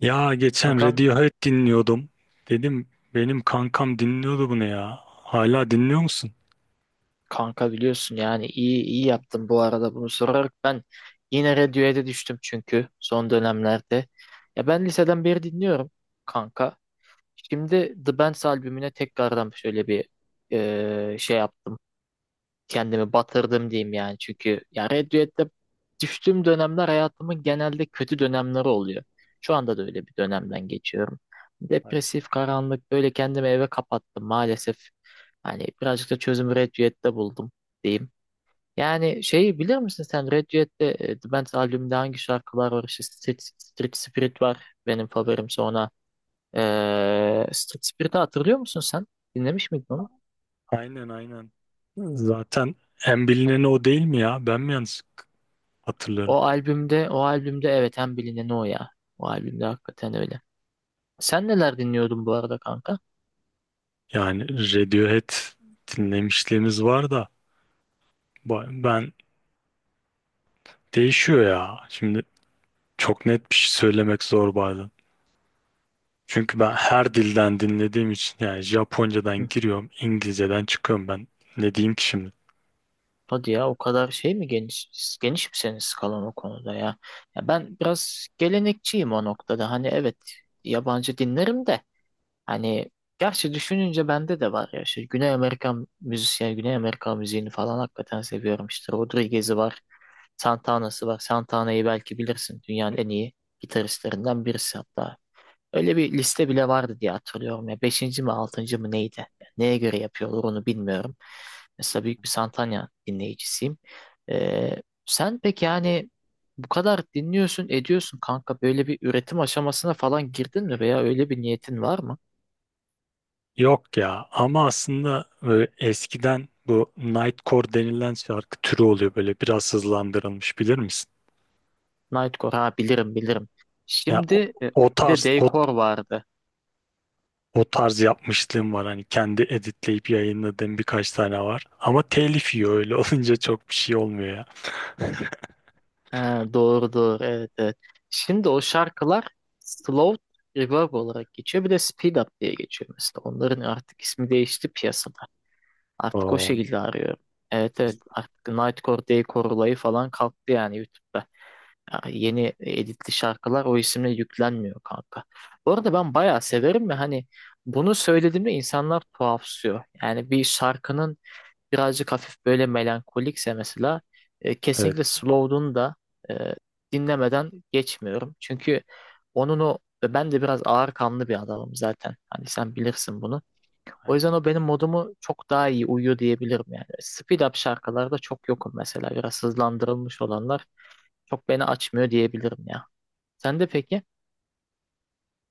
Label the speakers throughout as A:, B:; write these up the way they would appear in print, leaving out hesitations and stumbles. A: Ya geçen
B: Kankam,
A: Radiohead dinliyordum. Dedim benim kankam dinliyordu bunu ya. Hala dinliyor musun?
B: kanka biliyorsun yani iyi yaptım bu arada bunu sorarak ben yine radyoya düştüm çünkü son dönemlerde. Ya ben liseden beri dinliyorum kanka. Şimdi The Bands albümüne tekrardan şöyle bir şey yaptım. Kendimi batırdım diyeyim yani. Çünkü ya Red Duet'te düştüğüm dönemler hayatımın genelde kötü dönemleri oluyor. Şu anda da öyle bir dönemden geçiyorum.
A: Hayır.
B: Depresif, karanlık böyle kendimi eve kapattım maalesef. Hani birazcık da çözümü Red Duet'te buldum diyeyim. Yani şeyi bilir misin sen Red Duet'te The Band's albümünde hangi şarkılar var? İşte Street, Street Spirit var benim favorim sonra. E, Street Spirit'i hatırlıyor musun sen? Dinlemiş miydin onu?
A: Aynen aynen. Zaten en bilineni o değil mi ya? Ben mi yanlış hatırlıyorum?
B: O albümde evet en bilineni o ya. O albümde hakikaten öyle. Sen neler dinliyordun bu arada kanka?
A: Yani Radiohead dinlemişliğimiz var da ben değişiyor ya. Şimdi çok net bir şey söylemek zor bazen. Çünkü ben her dilden dinlediğim için yani
B: Hı
A: Japoncadan
B: hı.
A: giriyorum, İngilizceden çıkıyorum ben. Ne diyeyim ki şimdi?
B: Hadi ya o kadar şey mi, geniş mi senin skalan o konuda ya? Ya ben biraz gelenekçiyim o noktada. Hani evet yabancı dinlerim de. Hani gerçi düşününce bende de var ya işte Güney Amerika müzisyen, Güney Amerika müziğini falan hakikaten seviyorum işte. Rodriguez'i var, Santana'sı var. Santana'yı belki bilirsin dünyanın en iyi gitaristlerinden birisi hatta. Öyle bir liste bile vardı diye hatırlıyorum ya. Beşinci mi altıncı mı neydi? Neye göre yapıyorlar onu bilmiyorum. Mesela büyük bir Santana dinleyicisiyim. Sen peki yani bu kadar dinliyorsun, ediyorsun kanka böyle bir üretim aşamasına falan girdin mi veya öyle bir niyetin var mı?
A: Yok ya ama aslında böyle eskiden bu Nightcore denilen şarkı türü oluyor böyle biraz hızlandırılmış bilir misin?
B: Nightcore ha, bilirim.
A: Ya o,
B: Şimdi
A: o
B: bir
A: tarz
B: de
A: o,
B: Daycore vardı.
A: O tarz yapmışlığım var hani kendi editleyip yayınladığım birkaç tane var ama telif yiyor öyle olunca çok bir şey olmuyor ya.
B: Ha, doğru evet evet. Şimdi o şarkılar Slow Reverb olarak geçiyor. Bir de Speed Up diye geçiyor mesela. Onların artık ismi değişti piyasada. Artık o
A: Oo,
B: şekilde arıyorum. Evet evet, artık Nightcore, Daycore olayı falan kalktı yani YouTube'da. Ya yeni editli şarkılar o isimle yüklenmiyor kanka. Bu arada ben bayağı severim ve hani bunu söylediğimde insanlar tuhafsıyor. Yani bir şarkının birazcık hafif böyle melankolikse mesela
A: evet.
B: kesinlikle Slow'dun da e, dinlemeden geçmiyorum. Çünkü onun ben de biraz ağır kanlı bir adamım zaten. Hani sen bilirsin bunu. O yüzden
A: Aynen.
B: o benim modumu çok daha iyi uyuyor diyebilirim yani. Speed up şarkılarda çok yokum mesela. Biraz hızlandırılmış olanlar çok beni açmıyor diyebilirim ya. Sen de peki?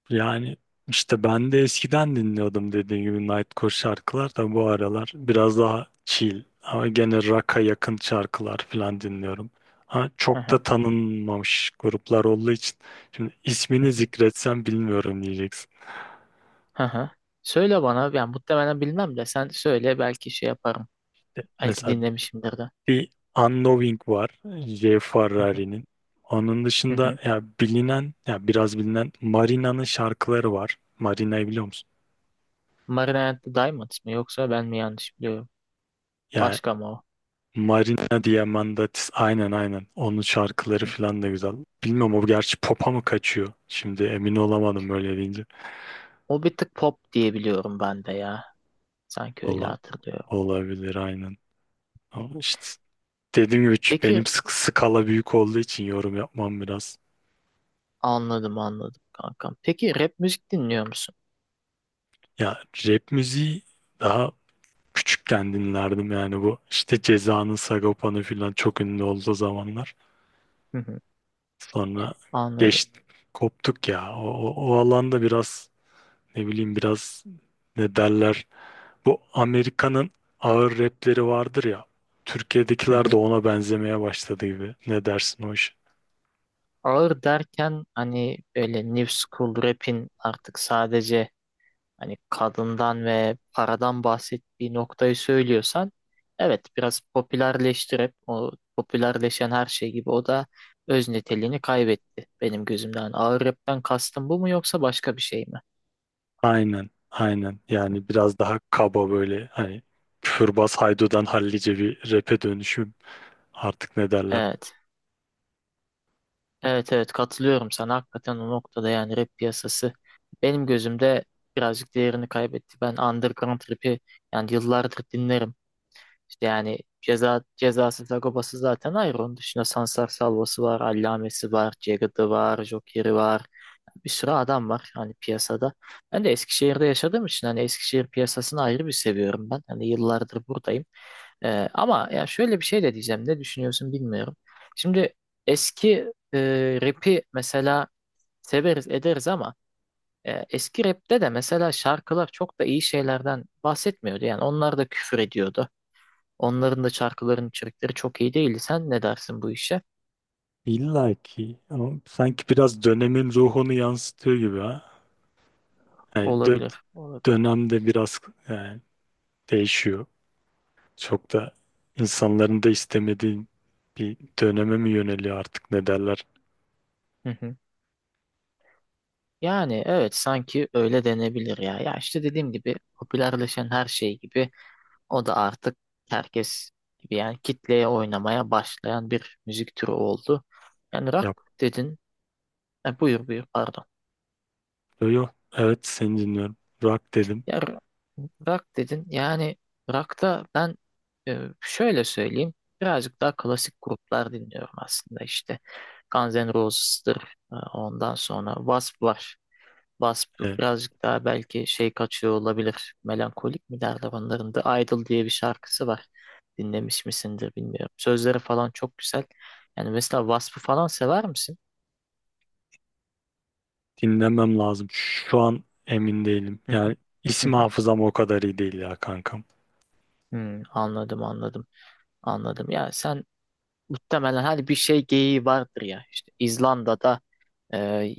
A: Yani işte ben de eskiden dinliyordum dediğim gibi Nightcore şarkılar da bu aralar biraz daha chill ama gene rock'a yakın şarkılar falan dinliyorum. Ama
B: Hı
A: çok
B: hı.
A: da tanınmamış gruplar olduğu için şimdi ismini zikretsem bilmiyorum diyeceksin.
B: Hı hı. Söyle bana. Yani muhtemelen bilmem de sen söyle, belki şey yaparım. Belki
A: Mesela
B: dinlemişimdir de.
A: bir Unknowing var J.
B: Hı hı.
A: Ferrari'nin. Onun
B: Hı
A: dışında
B: hı.
A: ya bilinen ya biraz bilinen Marina'nın şarkıları var. Marina'yı biliyor musun?
B: Marina and the Diamonds mı yoksa ben mi yanlış biliyorum?
A: Ya
B: Başka mı o?
A: Marina Diamantatis aynen aynen. Onun şarkıları
B: Hı.
A: falan da güzel. Bilmiyorum o gerçi pop'a mı kaçıyor? Şimdi emin olamadım öyle deyince.
B: O bir tık pop diye biliyorum ben de ya. Sanki öyle
A: Ola,
B: hatırlıyorum.
A: Olabilir aynen. Ama işte dediğim gibi
B: Peki,
A: benim sık skala büyük olduğu için yorum yapmam biraz.
B: anladım kankam. Peki rap müzik dinliyor musun?
A: Ya rap müziği daha küçükken dinlerdim yani bu işte Ceza'nın Sagopa'nı falan çok ünlü olduğu zamanlar.
B: Hı hı,
A: Sonra
B: anladım.
A: geç koptuk ya. O alanda biraz ne bileyim biraz ne derler. Bu Amerika'nın ağır rapleri vardır ya.
B: Hı
A: Türkiye'dekiler de
B: hı.
A: ona benzemeye başladı gibi. Ne dersin o iş?
B: Ağır derken hani böyle new school rap'in artık sadece hani kadından ve paradan bahsettiği noktayı söylüyorsan evet, biraz popülerleştirip o popülerleşen her şey gibi o da öz niteliğini kaybetti benim gözümden. Hani ağır rapten kastım bu mu yoksa başka bir şey mi?
A: Aynen, aynen. Yani biraz daha kaba böyle hani küfürbaz Haydo'dan hallice bir rap'e dönüşüm artık ne derler.
B: Evet. Evet evet, katılıyorum sana. Hakikaten o noktada yani rap piyasası benim gözümde birazcık değerini kaybetti. Ben underground rap'i yani yıllardır dinlerim. İşte yani ceza cezası Sagopa'sı zaten ayrı. Onun dışında Sansar Salva'sı var, Allame'si var, Jagged'ı var, Joker'i var. Bir sürü adam var hani piyasada. Ben de Eskişehir'de yaşadığım için hani Eskişehir piyasasını ayrı bir seviyorum ben. Hani yıllardır buradayım. Ama ya şöyle bir şey de diyeceğim. Ne düşünüyorsun bilmiyorum. Şimdi eski rap'i mesela severiz ederiz ama eski rap'te de mesela şarkılar çok da iyi şeylerden bahsetmiyordu. Yani onlar da küfür ediyordu. Onların da şarkıların içerikleri çok iyi değildi. Sen ne dersin bu işe?
A: İlla ki ama sanki biraz dönemin ruhunu yansıtıyor gibi ha. Yani dö-
B: Olabilir. Olabilir.
A: Dönemde biraz yani değişiyor. Çok da insanların da istemediği bir döneme mi yöneliyor artık ne derler.
B: Hı hı. Yani evet, sanki öyle denebilir ya. Ya işte dediğim gibi popülerleşen her şey gibi o da artık herkes gibi yani kitleye oynamaya başlayan bir müzik türü oldu. Yani rock
A: Yok,
B: dedin. Buyur buyur pardon.
A: yo. Evet seni dinliyorum. Rock dedim.
B: Ya r- rock dedin. Yani rock'ta ben şöyle söyleyeyim. Birazcık daha klasik gruplar dinliyorum aslında işte. Guns N' Roses'tır. E, Ondan sonra Wasp var. Wasp
A: E,
B: birazcık daha belki şey kaçıyor olabilir. Melankolik mi derler onların da. Idol diye bir şarkısı var. Dinlemiş misindir bilmiyorum. Sözleri falan çok güzel. Yani mesela Wasp'ı falan sever misin?
A: Dinlemem lazım. Şu an emin değilim.
B: Hı hı,
A: Yani
B: hı
A: isim
B: hı.
A: hafızam o kadar iyi değil ya kankam.
B: Hmm, anladım. Ya sen muhtemelen hani bir şey geyiği vardır ya. İşte İzlanda'da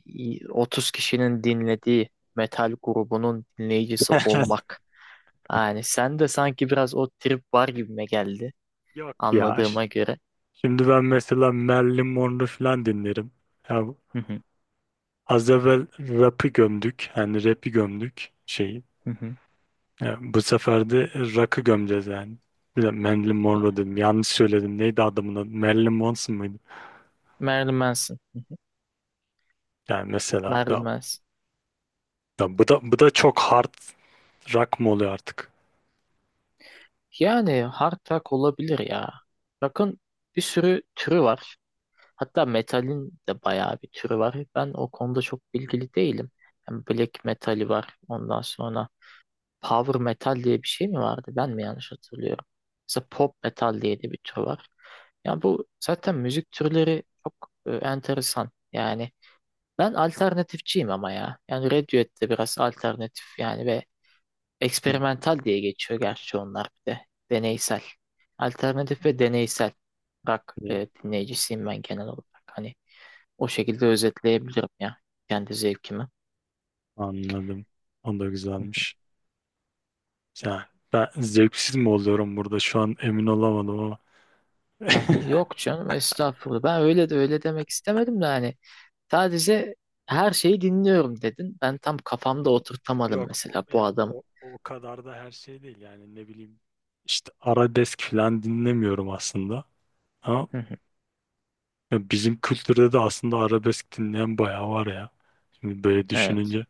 B: 30 kişinin dinlediği metal grubunun dinleyicisi olmak. Yani sen de sanki biraz o trip var gibime geldi
A: Yok ya.
B: anladığıma göre.
A: Şimdi ben mesela Marilyn Monroe falan dinlerim. Ya bu-
B: Hı hı,
A: Az evvel rap'i gömdük. Yani rap'i gömdük şeyi.
B: hı hı.
A: Ya bu sefer de rock'ı gömeceğiz yani. Bir de Marilyn Monroe
B: Ya,
A: dedim. Yanlış söyledim. Neydi adamın adı? Marilyn Manson mıydı?
B: Marilyn Manson. Hı hı.
A: Yani mesela
B: Marilyn
A: ya,
B: Manson.
A: ya bu da çok hard rock mı oluyor artık?
B: Yani hard rock olabilir ya. Bakın bir sürü türü var. Hatta metalin de bayağı bir türü var. Ben o konuda çok bilgili değilim. Yani black metali var. Ondan sonra power metal diye bir şey mi vardı? Ben mi yanlış hatırlıyorum? Mesela pop metal diye de bir tür var. Ya bu zaten müzik türleri çok enteresan. Yani ben alternatifçiyim ama ya. Yani Radiohead de biraz alternatif yani ve
A: Hmm,
B: eksperimental diye geçiyor gerçi onlar bir de. Deneysel. Alternatif ve deneysel rock
A: e,
B: dinleyicisiyim ben genel olarak. Hani o şekilde özetleyebilirim ya kendi zevkimi.
A: Anladım. O da güzelmiş. Yani ben zevksiz mi oluyorum burada? Şu an emin olamadım ama.
B: Aha, yok canım estağfurullah. Ben öyle de öyle demek istemedim de hani sadece her şeyi dinliyorum dedin. Ben tam kafamda
A: Yok,
B: oturtamadım
A: yok
B: mesela bu
A: ya
B: adamı.
A: o kadar da her şey değil yani ne bileyim işte arabesk falan dinlemiyorum aslında ama
B: Hı hı.
A: ya bizim kültürde de aslında arabesk dinleyen bayağı var ya şimdi böyle
B: Evet.
A: düşününce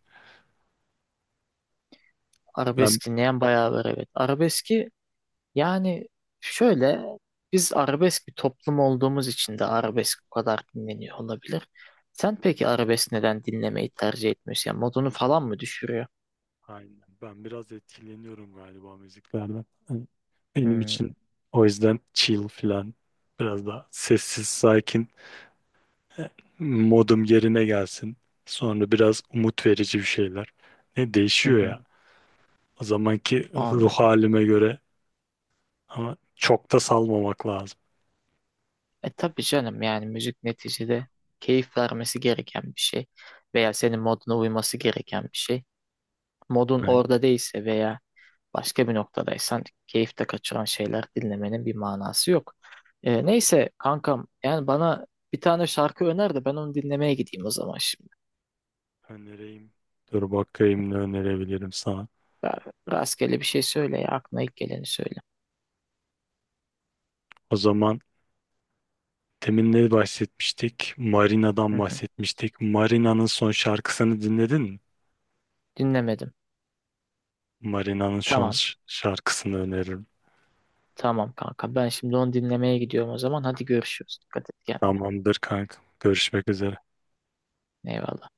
A: ben.
B: Arabesk dinleyen bayağı var evet. Arabeski yani şöyle, biz arabesk bir toplum olduğumuz için de arabesk bu kadar dinleniyor olabilir. Sen peki arabesk neden dinlemeyi tercih etmiyorsun? Yani modunu falan mı düşürüyor?
A: Aynen. Ben biraz etkileniyorum galiba müziklerden. Hani benim
B: Hmm.
A: için o yüzden chill falan biraz daha sessiz, sakin, e, modum yerine gelsin. Sonra biraz umut verici bir şeyler. Ne
B: Hı
A: değişiyor
B: hı.
A: ya. O zamanki ruh
B: Anladım.
A: halime göre ama çok da salmamak lazım.
B: E tabii canım, yani müzik neticede keyif vermesi gereken bir şey veya senin moduna uyması gereken bir şey. Modun
A: Ben
B: orada değilse veya başka bir noktadaysan keyif de kaçıran şeyler dinlemenin bir manası yok. Neyse kankam, yani bana bir tane şarkı öner de ben onu dinlemeye gideyim o zaman şimdi.
A: önereyim. Dur bakayım ne önerebilirim sana.
B: Ya, rastgele bir şey söyle ya, aklına ilk geleni söyle.
A: O zaman demin ne bahsetmiştik?
B: Hı
A: Marina'dan
B: hı.
A: bahsetmiştik. Marina'nın son şarkısını dinledin mi?
B: Dinlemedim.
A: Marina'nın son
B: Tamam
A: şarkısını öneririm.
B: tamam kanka, ben şimdi onu dinlemeye gidiyorum o zaman, hadi görüşürüz. Dikkat et kendine.
A: Tamamdır kanka. Görüşmek üzere.
B: Eyvallah.